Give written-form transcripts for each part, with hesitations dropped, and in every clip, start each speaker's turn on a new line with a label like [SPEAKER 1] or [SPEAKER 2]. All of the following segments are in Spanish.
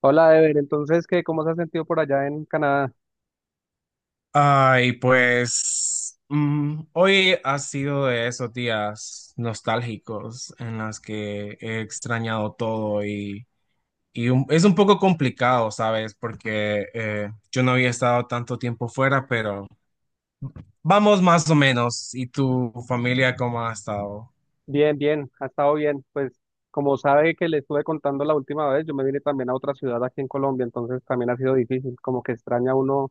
[SPEAKER 1] Hola, Ever. Entonces, ¿qué? ¿Cómo se ha sentido por allá en Canadá?
[SPEAKER 2] Ay, pues hoy ha sido de esos días nostálgicos en los que he extrañado todo y es un poco complicado, ¿sabes? Porque yo no había estado tanto tiempo fuera, pero vamos más o menos. ¿Y tu familia cómo ha estado?
[SPEAKER 1] Bien, bien, ha estado bien. Pues, como sabe que le estuve contando la última vez, yo me vine también a otra ciudad aquí en Colombia, entonces también ha sido difícil. Como que extraña uno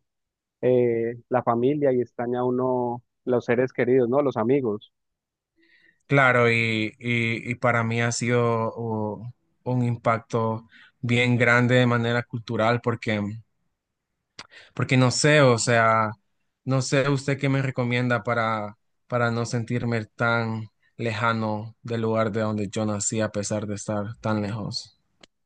[SPEAKER 1] la familia y extraña uno los seres queridos, ¿no? Los amigos.
[SPEAKER 2] Claro, y para mí ha sido un impacto bien grande de manera cultural porque... Porque no sé, o sea, no sé usted qué me recomienda para no sentirme tan lejano del lugar de donde yo nací a pesar de estar tan lejos.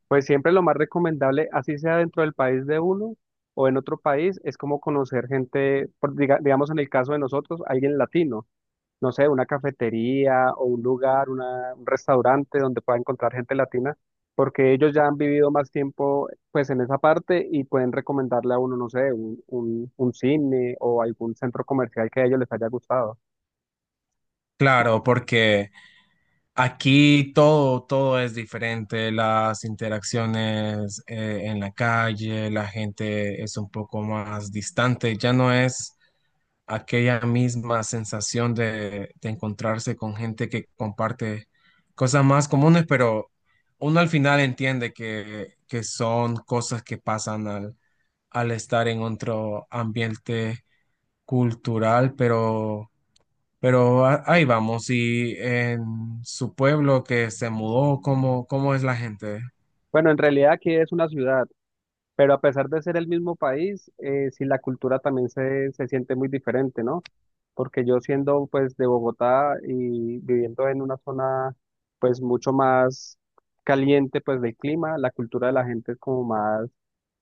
[SPEAKER 1] Pues siempre lo más recomendable, así sea dentro del país de uno o en otro país, es como conocer gente, digamos en el caso de nosotros, alguien latino, no sé, una cafetería o un lugar, un restaurante donde pueda encontrar gente latina, porque ellos ya han vivido más tiempo pues en esa parte y pueden recomendarle a uno, no sé, un cine o algún centro comercial que a ellos les haya gustado.
[SPEAKER 2] Claro, porque aquí todo es diferente, las interacciones en la calle, la gente es un poco más distante, ya no es aquella misma sensación de encontrarse con gente que comparte cosas más comunes, pero uno al final entiende que son cosas que pasan al estar en otro ambiente cultural, pero, ahí vamos. Y en su pueblo que se mudó, ¿ cómo es la gente?
[SPEAKER 1] Bueno, en realidad aquí es una ciudad. Pero a pesar de ser el mismo país, sí la cultura también se siente muy diferente, ¿no? Porque yo siendo pues de Bogotá y viviendo en una zona pues mucho más caliente pues del clima, la cultura de la gente es como más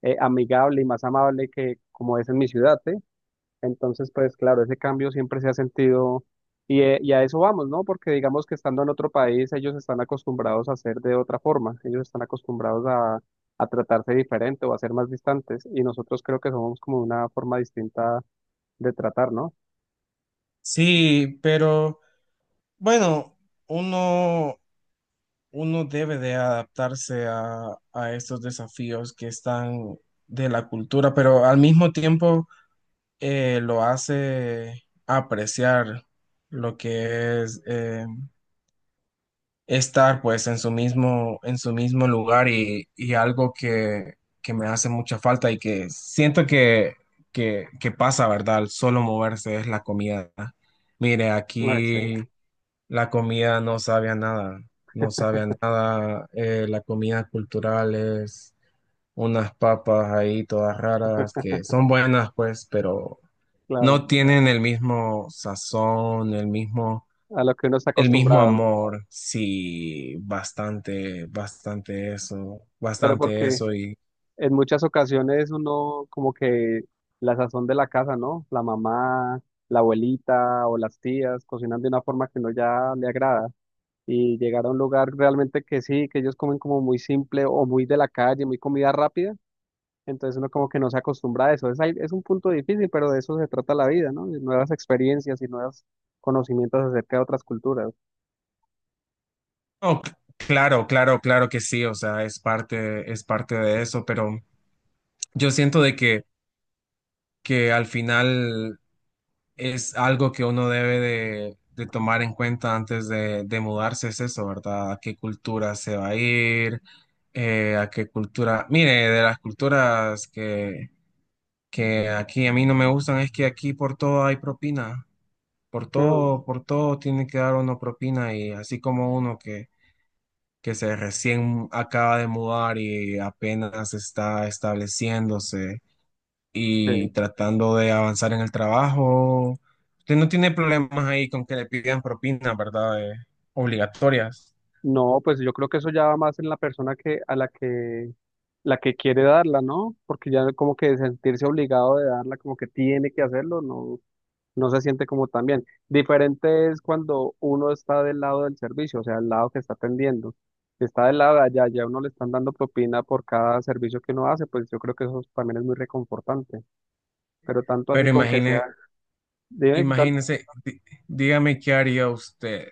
[SPEAKER 1] amigable y más amable que como es en mi ciudad, ¿sí? Entonces, pues claro, ese cambio siempre se ha sentido y a eso vamos, ¿no? Porque digamos que estando en otro país, ellos están acostumbrados a hacer de otra forma, ellos están acostumbrados a tratarse diferente o a ser más distantes y nosotros creo que somos como una forma distinta de tratar, ¿no?
[SPEAKER 2] Sí, pero bueno, uno uno debe de adaptarse a estos desafíos que están de la cultura, pero al mismo tiempo lo hace apreciar lo que es estar pues en su mismo lugar y algo que me hace mucha falta y que siento que pasa, ¿verdad? Al solo moverse es la comida. Mire,
[SPEAKER 1] Ay, sí,
[SPEAKER 2] aquí la comida no sabe a nada, no sabe a nada. La comida cultural es unas papas ahí todas raras que son buenas pues, pero
[SPEAKER 1] claro,
[SPEAKER 2] no tienen el mismo sazón,
[SPEAKER 1] a lo que uno está
[SPEAKER 2] el mismo
[SPEAKER 1] acostumbrado,
[SPEAKER 2] amor. Sí, bastante,
[SPEAKER 1] pero
[SPEAKER 2] bastante
[SPEAKER 1] porque
[SPEAKER 2] eso y
[SPEAKER 1] en muchas ocasiones uno como que la sazón de la casa, ¿no? La mamá, la abuelita o las tías cocinan de una forma que no ya le agrada. Y llegar a un lugar realmente que sí, que ellos comen como muy simple o muy de la calle, muy comida rápida, entonces uno como que no se acostumbra a eso. Es un punto difícil, pero de eso se trata la vida, ¿no? De nuevas experiencias y nuevos conocimientos acerca de otras culturas.
[SPEAKER 2] no, claro, claro, claro que sí. O sea, es parte de eso, pero yo siento de que al final es algo que uno debe de tomar en cuenta antes de mudarse, es eso, ¿verdad? ¿A qué cultura se va a ir? ¿A qué cultura? Mire, de las culturas que aquí a mí no me gustan es que aquí por todo hay propina,
[SPEAKER 1] Mm,
[SPEAKER 2] por todo tiene que dar uno propina y así como uno que se recién acaba de mudar y apenas está estableciéndose
[SPEAKER 1] sí.
[SPEAKER 2] y tratando de avanzar en el trabajo. Usted no tiene problemas ahí con que le pidan propinas, ¿verdad? Obligatorias.
[SPEAKER 1] No, pues yo creo que eso ya va más en la persona que a la que quiere darla, ¿no? Porque ya como que sentirse obligado de darla, como que tiene que hacerlo, no, no se siente como tan bien. Diferente es cuando uno está del lado del servicio, o sea, el lado que está atendiendo. Si está del lado de allá, ya uno le están dando propina por cada servicio que uno hace, pues yo creo que eso también es muy reconfortante. Pero tanto así
[SPEAKER 2] Pero
[SPEAKER 1] con que sea,
[SPEAKER 2] imagine,
[SPEAKER 1] dime.
[SPEAKER 2] imagínese, dígame qué haría usted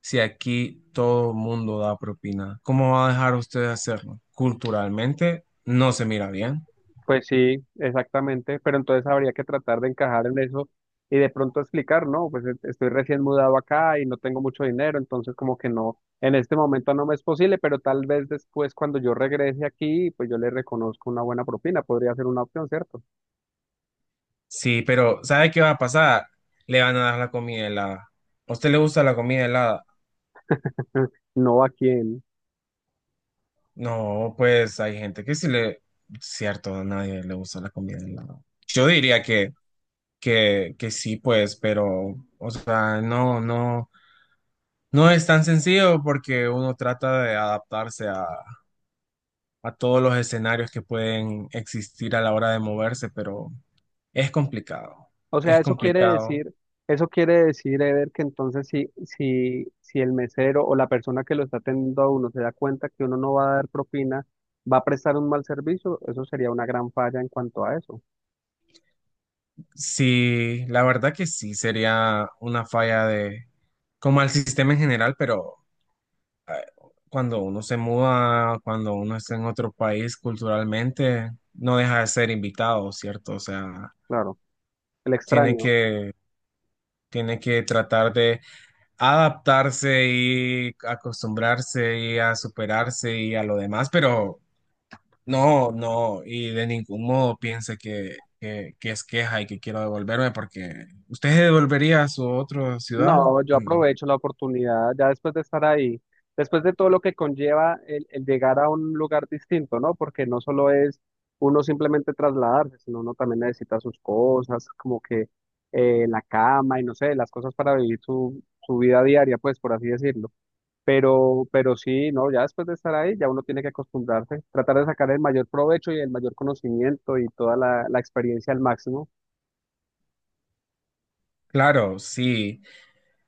[SPEAKER 2] si aquí todo el mundo da propina. ¿Cómo va a dejar usted de hacerlo? Culturalmente no se mira bien.
[SPEAKER 1] Pues sí, exactamente, pero entonces habría que tratar de encajar en eso y de pronto explicar, ¿no? Pues estoy recién mudado acá y no tengo mucho dinero, entonces como que no, en este momento no me es posible, pero tal vez después cuando yo regrese aquí, pues yo le reconozco una buena propina, podría ser una opción, ¿cierto?
[SPEAKER 2] Sí, pero ¿sabe qué va a pasar? Le van a dar la comida helada. ¿A usted le gusta la comida helada?
[SPEAKER 1] No aquí en,
[SPEAKER 2] No, pues hay gente que sí le, cierto, a nadie le gusta la comida helada. Yo diría que sí, pues, pero, o sea, no, no, no es tan sencillo porque uno trata de adaptarse a todos los escenarios que pueden existir a la hora de moverse, pero es complicado,
[SPEAKER 1] o sea,
[SPEAKER 2] es complicado.
[SPEAKER 1] eso quiere decir, Eder, que entonces si el mesero o la persona que lo está atendiendo a uno se da cuenta que uno no va a dar propina, va a prestar un mal servicio, eso sería una gran falla en cuanto a eso.
[SPEAKER 2] Sí, la verdad que sí, sería una falla de, como al sistema en general, pero... eh, Cuando uno se muda, cuando uno está en otro país culturalmente, no deja de ser invitado, ¿cierto? O sea,
[SPEAKER 1] Claro, el
[SPEAKER 2] tiene
[SPEAKER 1] extraño.
[SPEAKER 2] tiene que tratar de adaptarse y acostumbrarse y a superarse y a lo demás, pero no, no, y de ningún modo piense que es queja y que quiero devolverme porque ¿usted se devolvería a su otra ciudad?
[SPEAKER 1] No, yo aprovecho la oportunidad, ya después de estar ahí, después de todo lo que conlleva el llegar a un lugar distinto, ¿no? Porque no solo es uno simplemente trasladarse, sino uno también necesita sus cosas, como que la cama y no sé, las cosas para vivir su vida diaria, pues por así decirlo. Pero sí, no, ya después de estar ahí, ya uno tiene que acostumbrarse, tratar de sacar el mayor provecho y el mayor conocimiento y toda la experiencia al máximo,
[SPEAKER 2] Claro, sí.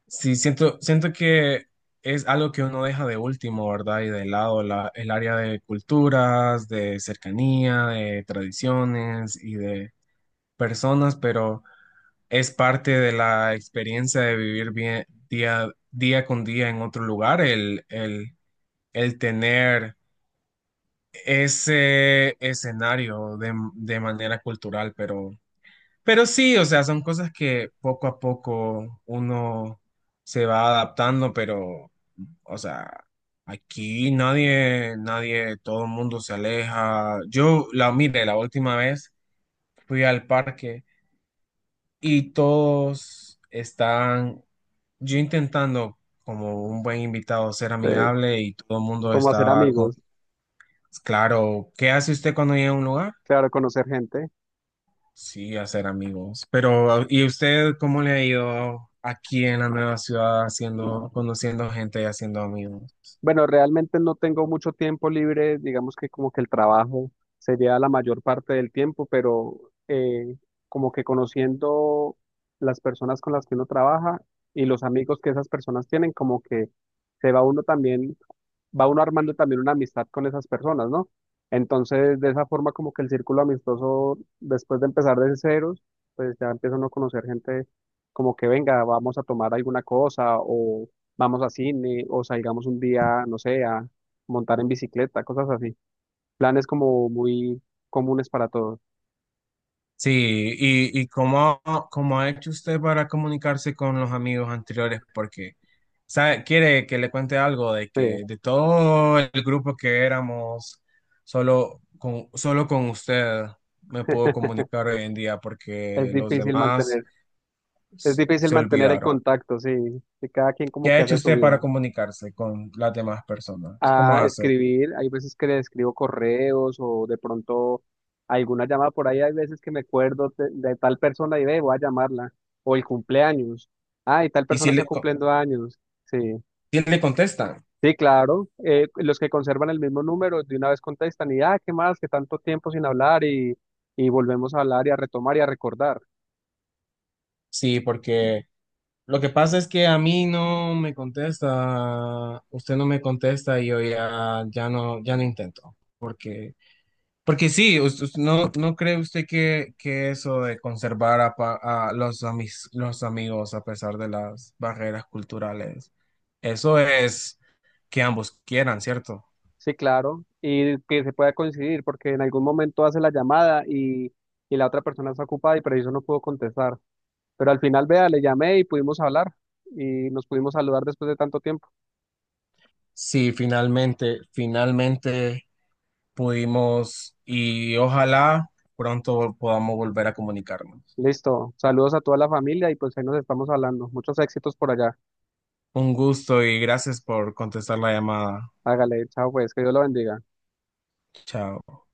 [SPEAKER 2] Sí, siento, siento que es algo que uno deja de último, ¿verdad? Y de lado el área de culturas, de cercanía, de tradiciones y de personas, pero es parte de la experiencia de vivir bien día, día con día en otro lugar, el tener ese escenario de manera cultural, pero... Pero sí, o sea, son cosas que poco a poco uno se va adaptando, pero, o sea, aquí nadie, nadie, todo el mundo se aleja. Yo, la mire, la última vez fui al parque y todos están, yo intentando como un buen invitado ser
[SPEAKER 1] eh,
[SPEAKER 2] amigable y todo el mundo
[SPEAKER 1] como hacer
[SPEAKER 2] estaba con,
[SPEAKER 1] amigos,
[SPEAKER 2] claro, ¿qué hace usted cuando llega a un lugar?
[SPEAKER 1] claro, conocer gente.
[SPEAKER 2] Sí, hacer amigos. Pero, ¿y usted cómo le ha ido aquí en la nueva ciudad haciendo, conociendo gente y haciendo amigos?
[SPEAKER 1] Bueno, realmente no tengo mucho tiempo libre, digamos que como que el trabajo sería la mayor parte del tiempo, pero eh, como que conociendo las personas con las que uno trabaja y los amigos que esas personas tienen, como que se va uno también va uno armando también una amistad con esas personas, ¿no? Entonces, de esa forma como que el círculo amistoso, después de empezar de ceros, pues ya empieza uno a no conocer gente, como que venga, vamos a tomar alguna cosa o vamos a cine o salgamos un día, no sé, a montar en bicicleta, cosas así. Planes como muy comunes para todos.
[SPEAKER 2] Sí, y cómo, cómo ha hecho usted para comunicarse con los amigos anteriores, porque ¿sabe? Quiere que le cuente algo de
[SPEAKER 1] Sí,
[SPEAKER 2] que de todo el grupo que éramos, solo con usted me puedo comunicar hoy en día,
[SPEAKER 1] es
[SPEAKER 2] porque los
[SPEAKER 1] difícil
[SPEAKER 2] demás
[SPEAKER 1] mantener, es
[SPEAKER 2] se
[SPEAKER 1] difícil mantener el
[SPEAKER 2] olvidaron.
[SPEAKER 1] contacto, sí, que cada quien como
[SPEAKER 2] ¿Qué ha
[SPEAKER 1] que
[SPEAKER 2] hecho
[SPEAKER 1] hace su
[SPEAKER 2] usted
[SPEAKER 1] vida.
[SPEAKER 2] para comunicarse con las demás personas? ¿Cómo
[SPEAKER 1] A
[SPEAKER 2] hace?
[SPEAKER 1] escribir. Hay veces que le escribo correos o de pronto alguna llamada por ahí. Hay veces que me acuerdo de tal persona y ve, voy a llamarla. O el cumpleaños. Ah, y tal
[SPEAKER 2] ¿Y si
[SPEAKER 1] persona está
[SPEAKER 2] le,
[SPEAKER 1] cumpliendo años. Sí,
[SPEAKER 2] si le contestan?
[SPEAKER 1] sí, claro. Los que conservan el mismo número de una vez contestan y, ah, ¿qué más? Que tanto tiempo sin hablar y volvemos a hablar y a retomar y a recordar.
[SPEAKER 2] Sí, porque lo que pasa es que a mí no me contesta, usted no me contesta y yo ya, ya no, ya no intento. Porque, porque sí, no, ¿no cree usted que eso de conservar a los amigos a pesar de las barreras culturales, eso es que ambos quieran, ¿cierto?
[SPEAKER 1] Sí, claro. Y que se pueda coincidir porque en algún momento hace la llamada y la otra persona está ocupada y por eso no pudo contestar. Pero al final, vea, le llamé y pudimos hablar y nos pudimos saludar después de tanto tiempo.
[SPEAKER 2] Sí, finalmente, finalmente. Pudimos y ojalá pronto podamos volver a comunicarnos.
[SPEAKER 1] Listo, saludos a toda la familia y pues ahí nos estamos hablando. Muchos éxitos por allá.
[SPEAKER 2] Un gusto y gracias por contestar la llamada.
[SPEAKER 1] Hágale, chao pues, que Dios lo bendiga.
[SPEAKER 2] Chao.